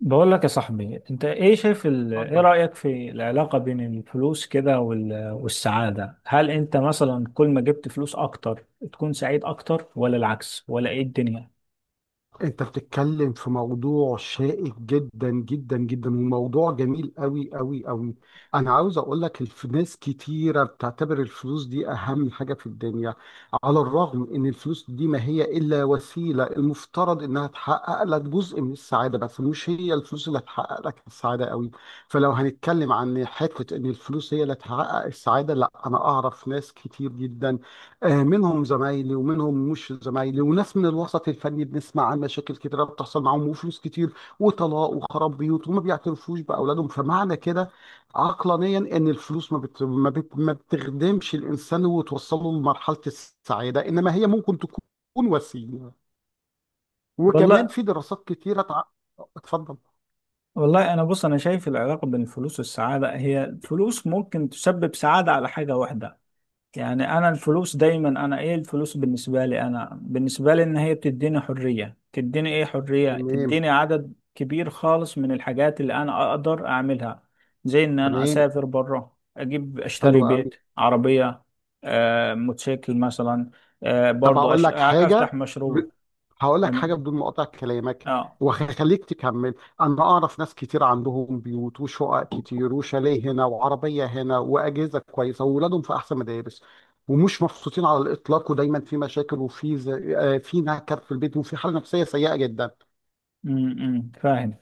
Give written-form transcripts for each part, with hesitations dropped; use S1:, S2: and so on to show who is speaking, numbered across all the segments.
S1: بقول لك يا صاحبي، انت ايه شايف ال... ايه
S2: اتفضل.
S1: رأيك في العلاقة بين الفلوس كده والسعادة؟ هل انت مثلا كل ما جبت فلوس اكتر تكون سعيد اكتر، ولا العكس، ولا ايه الدنيا؟
S2: انت بتتكلم في موضوع شائك جدا جدا جدا وموضوع جميل قوي قوي قوي. انا عاوز اقول لك ناس كتيره بتعتبر الفلوس دي اهم حاجه في الدنيا. على الرغم ان الفلوس دي ما هي الا وسيله المفترض انها تحقق لك جزء من السعاده، بس مش هي الفلوس اللي هتحقق لك السعاده قوي. فلو هنتكلم عن حته ان الفلوس هي اللي تحقق السعاده، لا، انا اعرف ناس كتير جدا، آه، منهم زمايلي ومنهم مش زمايلي، وناس من الوسط الفني بنسمع عن مشاكل كتيرة بتحصل معاهم وفلوس كتير وطلاق وخراب بيوت وما بيعترفوش بأولادهم. فمعنى كده عقلانيا إن الفلوس ما بتخدمش الإنسان وتوصله لمرحلة السعادة، إنما هي ممكن تكون وسيلة. وكمان
S1: والله.
S2: في دراسات كتيرة اتفضل.
S1: انا بص، انا شايف العلاقة بين الفلوس والسعادة، هي الفلوس ممكن تسبب سعادة على حاجة واحدة. يعني انا الفلوس دايما، انا ايه الفلوس بالنسبه لي، ان هي بتديني حريه، تديني ايه، حريه،
S2: تمام.
S1: تديني عدد كبير خالص من الحاجات اللي انا اقدر اعملها. زي ان انا
S2: تمام.
S1: اسافر بره، اجيب،
S2: حلو
S1: اشتري
S2: قوي.
S1: بيت، عربيه، آه موتوسيكل مثلا، آه
S2: طب
S1: برضو
S2: أقول لك
S1: افتح
S2: حاجة،
S1: مشروع.
S2: هقول لك
S1: تمام.
S2: حاجه بدون ما اقطع كلامك،
S1: اه.
S2: وهخليك تكمل. انا اعرف ناس كتير عندهم بيوت وشقق كتير وشاليه هنا وعربيه هنا واجهزه كويسه واولادهم في احسن مدارس، ومش مبسوطين على الاطلاق، ودايما في مشاكل، وفي ز... آه، في نكر في البيت، وفي حاله نفسيه سيئه جدا.
S1: فاهم.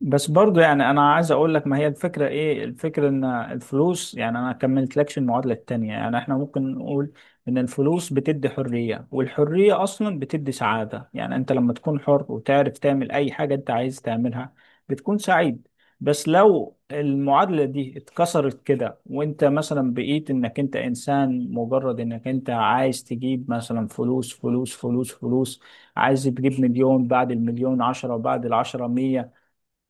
S1: بس برضو، يعني انا عايز اقول لك، ما هي الفكره، ايه الفكره ان الفلوس، يعني انا كملت لكش المعادله التانية. يعني احنا ممكن نقول ان الفلوس بتدي حريه، والحريه اصلا بتدي سعاده. يعني انت لما تكون حر وتعرف تعمل اي حاجه انت عايز تعملها بتكون سعيد. بس لو المعادله دي اتكسرت كده، وانت مثلا بقيت انك انت انسان، مجرد انك انت عايز تجيب مثلا فلوس فلوس فلوس فلوس، عايز تجيب مليون، بعد المليون عشرة، وبعد العشرة مية،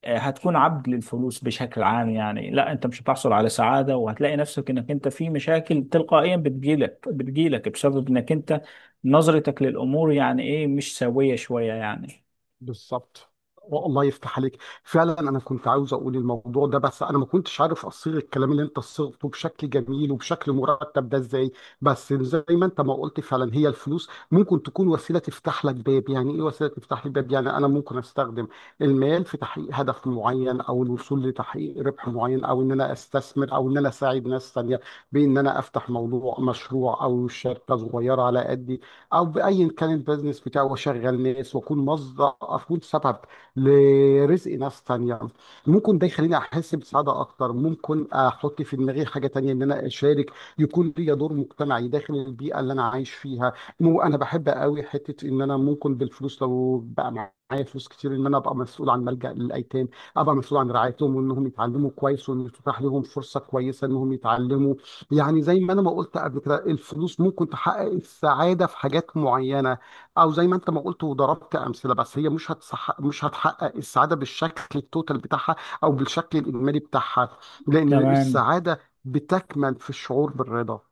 S1: هتكون عبد للفلوس بشكل عام. يعني لا، انت مش هتحصل على سعادة، وهتلاقي نفسك انك انت في مشاكل تلقائيا بتجيلك بسبب انك انت، نظرتك للأمور، يعني ايه، مش سوية شوية يعني.
S2: بالظبط. والله يفتح عليك. فعلا انا كنت عاوز اقول الموضوع ده، بس انا ما كنتش عارف اصيغ الكلام اللي انت صيغته بشكل جميل وبشكل مرتب ده ازاي. بس زي ما انت ما قلت، فعلا هي الفلوس ممكن تكون وسيله تفتح لك باب، يعني ايه وسيله تفتح لي باب، يعني انا ممكن استخدم المال في تحقيق هدف معين، او الوصول لتحقيق ربح معين، او ان انا استثمر، او ان انا اساعد ناس تانيه، بان انا افتح موضوع مشروع او شركه صغيره على قد او بايا كان البيزنس بتاعه، واشغل ناس، واكون مصدر، اكون سبب لرزق ناس تانية. ممكن ده يخليني احس بسعاده اكتر، ممكن احط في دماغي حاجه تانية ان انا اشارك، يكون ليا دور مجتمعي داخل البيئه اللي انا عايش فيها. مو انا بحب قوي حته ان انا ممكن بالفلوس، لو بقى معايا فلوس كتير، ان انا ابقى مسؤول عن ملجأ للايتام، ابقى مسؤول عن رعايتهم، وانهم يتعلموا كويس، وان تتاح لهم فرصه كويسه انهم يتعلموا. يعني زي ما انا ما قلت قبل كده، الفلوس ممكن تحقق السعاده في حاجات معينه، او زي ما انت ما قلت وضربت امثله، بس هي مش هتحقق السعاده بالشكل التوتال بتاعها او بالشكل الاجمالي بتاعها، لان
S1: تمام.
S2: السعاده بتكمن في الشعور بالرضا.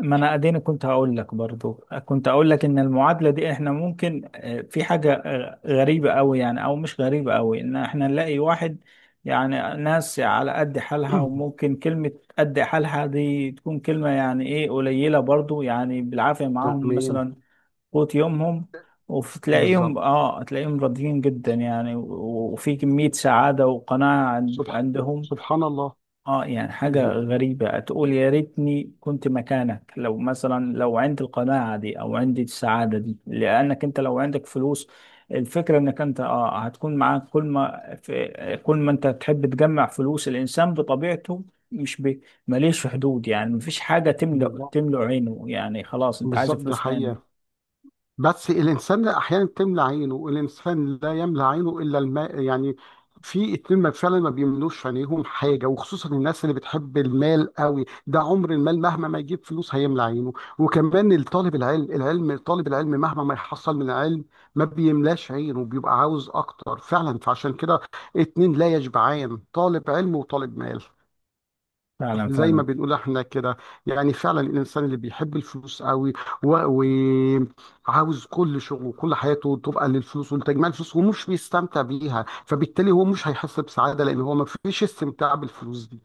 S1: ما انا اديني كنت هقول لك برضو، كنت اقول لك ان المعادله دي احنا ممكن، في حاجه غريبه قوي، يعني، او مش غريبه قوي، ان احنا نلاقي واحد، يعني ناس على قد حالها، وممكن كلمه قد حالها دي تكون كلمه يعني ايه قليله برضو، يعني بالعافيه معاهم
S2: تمام.
S1: مثلا قوت يومهم. وتلاقيهم،
S2: بالظبط.
S1: تلاقيهم راضيين جدا يعني، وفي كميه سعاده وقناعه
S2: سبحان
S1: عندهم.
S2: سبحان الله.
S1: اه، يعني حاجة
S2: دي-
S1: غريبة، تقول يا ريتني كنت مكانك، لو مثلا لو عندي القناعة دي، او عندي السعادة دي. لانك انت لو عندك فلوس، الفكرة انك انت اه هتكون معاك، كل ما انت تحب تجمع فلوس، الانسان بطبيعته مش بي- ماليش حدود. يعني مفيش حاجة تملأ
S2: بالظبط.
S1: تملأ عينه. يعني خلاص انت عايز
S2: بالظبط، ده
S1: فلوس تاني.
S2: حقيقه. بس الإنسان أحيانا تملى عينه، الإنسان لا يملى عينه إلا الماء. يعني في اتنين ما فعلا ما بيملوش عينيهم حاجة، وخصوصا الناس اللي بتحب المال قوي، ده عمر المال مهما ما يجيب فلوس هيملى عينه. وكمان الطالب العلم، طالب العلم مهما ما يحصل من علم ما بيملاش عينه، بيبقى عاوز أكتر فعلا. فعشان كده اتنين لا يشبعان، طالب علم وطالب مال،
S1: فعلا،
S2: زي ما
S1: فعلا.
S2: بنقول احنا كده. يعني فعلا الانسان اللي بيحب الفلوس قوي وعاوز كل شغله وكل حياته تبقى للفلوس ولتجميع الفلوس، ومش بيستمتع بيها، فبالتالي هو مش هيحس بسعادة، لان هو ما فيش استمتاع بالفلوس دي.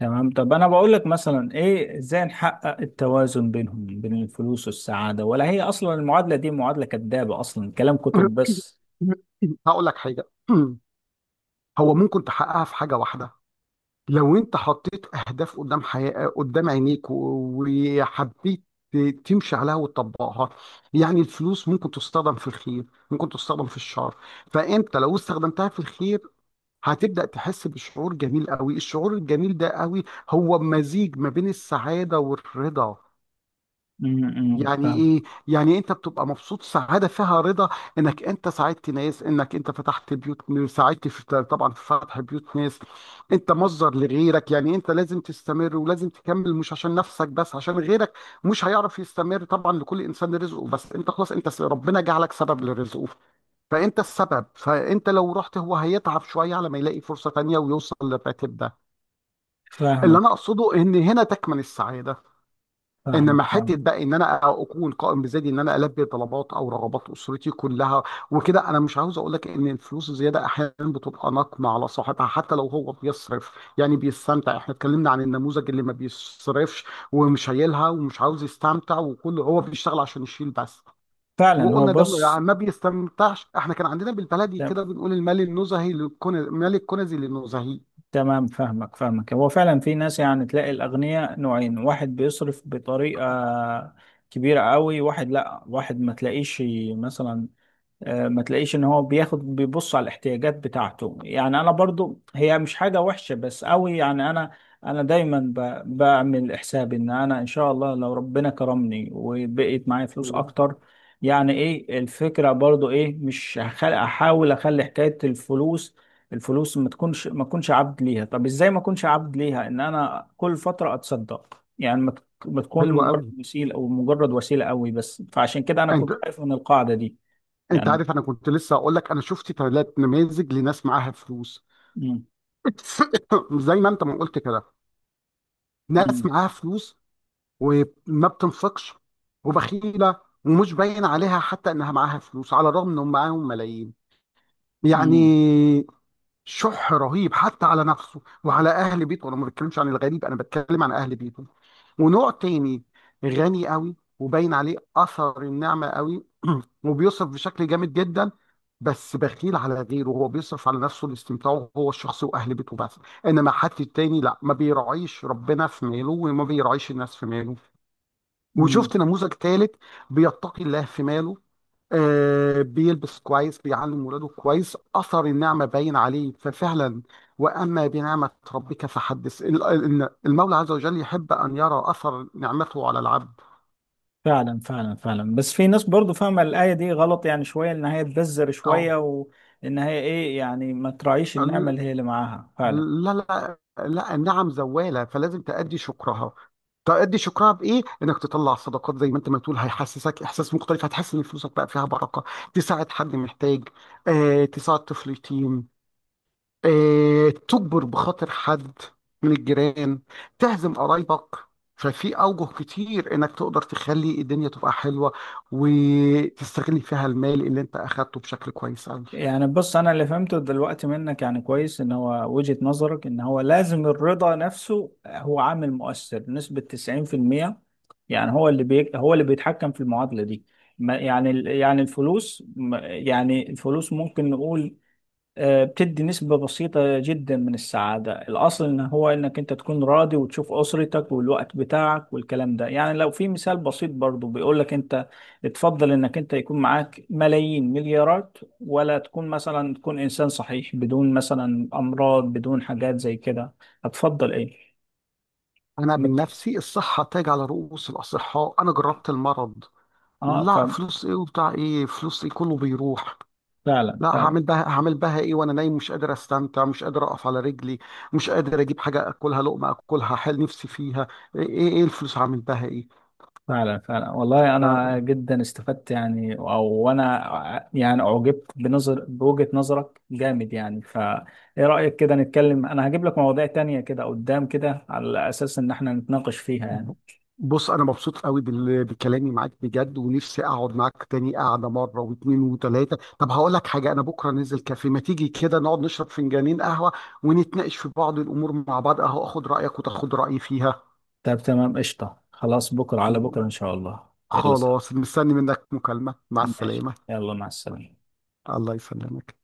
S1: تمام، طب انا بقول لك مثلا، ايه ازاي نحقق التوازن بينهم، بين الفلوس والسعادة؟ ولا هي اصلا المعادلة دي معادلة كذابة، اصلا كلام كتب بس؟
S2: هقول لك حاجة. هو ممكن تحققها في حاجة واحدة. لو انت حطيت اهداف قدام حياة، قدام عينيك، وحبيت تمشي عليها وتطبقها. يعني الفلوس ممكن تستخدم في الخير، ممكن تستخدم في الشر. فانت لو استخدمتها في الخير هتبدأ تحس بشعور جميل قوي، الشعور الجميل ده قوي، هو مزيج ما بين السعادة والرضا. يعني
S1: فاهم.
S2: ايه؟ يعني انت بتبقى مبسوط، سعاده فيها رضا، انك انت ساعدت ناس، انك انت فتحت بيوت، ساعدت، في طبعا، في فتح بيوت ناس. انت مصدر لغيرك، يعني انت لازم تستمر ولازم تكمل، مش عشان نفسك بس، عشان غيرك مش هيعرف يستمر. طبعا لكل انسان رزقه، بس انت خلاص، انت ربنا جعلك سبب لرزقه، فانت السبب. فانت لو رحت هو هيتعب شويه على ما يلاقي فرصه تانيه ويوصل للراتب ده. اللي انا
S1: فاهمك،
S2: اقصده ان هنا تكمن السعاده. انما
S1: فاهمك، فاهم.
S2: حته بقى ان انا اكون قائم بذاتي، ان انا البي طلبات او رغبات اسرتي كلها وكده. انا مش عاوز اقول لك ان الفلوس الزياده احيانا بتبقى نقمه على صاحبها، حتى لو هو بيصرف يعني بيستمتع. احنا اتكلمنا عن النموذج اللي ما بيصرفش ومش شايلها ومش عاوز يستمتع، وكله هو بيشتغل عشان يشيل بس،
S1: فعلا. هو
S2: وقلنا ده ما
S1: بص،
S2: ما بيستمتعش. احنا كان عندنا بالبلدي كده
S1: ت-
S2: بنقول المال النزهي للكنز، مال الكنزي للنزهي.
S1: تمام. فاهمك، فاهمك. هو فعلا في ناس، يعني تلاقي الاغنياء نوعين، واحد بيصرف بطريقة كبيرة قوي، واحد لا، واحد ما تلاقيش مثلا، ما تلاقيش ان هو بياخد بيبص على الاحتياجات بتاعته. يعني انا برضو هي مش حاجة وحشة بس قوي، يعني انا، دايما بعمل حساب ان انا، ان شاء الله لو ربنا كرمني وبقيت معايا فلوس اكتر، يعني ايه الفكرة برضو، ايه، مش احاول اخلي حكاية الفلوس، الفلوس ما تكونش، عبد ليها. طب ازاي ما اكونش عبد ليها؟ ان انا كل فترة اتصدق، يعني ما تكون
S2: حلو
S1: مجرد وسيلة، او مجرد وسيلة قوي بس. فعشان كده انا كنت
S2: قوي.
S1: خايف من القاعدة دي
S2: انت
S1: يعني.
S2: عارف انا كنت لسه هقول لك، انا شفت ثلاث نماذج لناس معاها فلوس.
S1: مم.
S2: زي ما انت ما قلت كده، ناس
S1: مم.
S2: معاها فلوس وما بتنفقش وبخيله ومش باين عليها حتى انها معاها فلوس، على الرغم انهم معاهم ملايين.
S1: مم.
S2: يعني شح رهيب حتى على نفسه وعلى اهل بيته، انا ما بتكلمش عن الغريب، انا بتكلم عن اهل بيته. ونوع تاني غني قوي وباين عليه اثر النعمه قوي، وبيصرف بشكل جامد جدا، بس بخيل على غيره، هو بيصرف على نفسه لاستمتاعه هو الشخصي واهل بيته بس، انما حد التاني لا، ما بيراعيش ربنا في ماله وما بيراعيش الناس في ماله.
S1: مم.
S2: وشفت نموذج ثالث بيتقي الله في ماله، آه، بيلبس كويس، بيعلم ولاده كويس، اثر النعمه باين عليه. ففعلا واما بنعمه ربك فحدث، المولى عز وجل يحب ان يرى اثر نعمته على العبد.
S1: فعلا، فعلا، فعلا. بس في ناس برضو فاهمة الآية دي غلط يعني شوية، إن هي تبذر
S2: او
S1: شوية، وإن هي إيه، يعني ما تراعيش النعمة
S2: ال-
S1: اللي هي اللي معاها فعلا.
S2: لا، لا، لا، النعم زواله، فلازم تأدي شكرها. تأدي شكرها بإيه؟ إنك تطلع صدقات، زي ما أنت ما تقول، هيحسسك إحساس مختلف، هتحس إن فلوسك بقى فيها بركة، تساعد حد محتاج، آه، تساعد طفل يتيم، آه، تجبر بخاطر حد من الجيران، تعزم قرايبك. ففي أوجه كتير إنك تقدر تخلي الدنيا تبقى حلوة، وتستغل فيها المال اللي أنت أخدته بشكل كويس أوي.
S1: يعني بص، أنا اللي فهمته دلوقتي منك يعني كويس، إن هو وجهة نظرك إن هو لازم الرضا نفسه هو عامل مؤثر نسبة 90%، يعني هو اللي بي هو اللي بيتحكم في المعادلة دي. ما- يعني ال- يعني الفلوس ما- يعني الفلوس ممكن نقول بتدي نسبة بسيطة جدا من السعادة. الأصل إن هو إنك أنت تكون راضي، وتشوف أسرتك والوقت بتاعك والكلام ده. يعني لو في مثال بسيط برضو بيقولك، أنت تفضل إنك أنت يكون معاك ملايين مليارات، ولا تكون مثلا تكون إنسان صحيح بدون مثلا أمراض بدون حاجات زي كده؟ هتفضل إيه؟
S2: أنا من
S1: مت...
S2: نفسي الصحة تاج على رؤوس الأصحاء، أنا جربت المرض.
S1: آه.
S2: لا، فلوس إيه وبتاع إيه، فلوس إيه، كله بيروح.
S1: ففعلا،
S2: لا،
S1: فعلا،
S2: هعمل بها، هعمل بها ايه وانا نايم مش قادر استمتع، مش قادر اقف على رجلي، مش قادر اجيب حاجه اكلها لقمه اكلها حال نفسي فيها؟ ايه ايه إيه الفلوس هعمل بها؟
S1: فعلا، فعلا. والله انا
S2: ايه.
S1: جدا استفدت يعني، او انا يعني اعجبت بوجهة نظرك جامد يعني. فايه رأيك كده نتكلم، انا هجيب لك مواضيع تانية كده قدام كده على اساس ان احنا نتناقش فيها يعني؟
S2: ب- بص انا مبسوط قوي بكلامي معاك بجد، ونفسي اقعد معاك تاني قعده مره واثنين وثلاثه. طب هقول لك حاجه، انا بكره نزل كافيه، ما تيجي كده نقعد نشرب فنجانين قهوه ونتناقش في بعض الامور مع بعض، اهو اخد رايك وتاخد رايي فيها.
S1: طب تمام، قشطة، خلاص. بكرة على بكرة
S2: م-
S1: ان شاء الله. يلا سلام.
S2: خلاص مستني منك مكالمه. مع
S1: ماشي،
S2: السلامه.
S1: يلا، مع السلامة.
S2: الله يسلمك.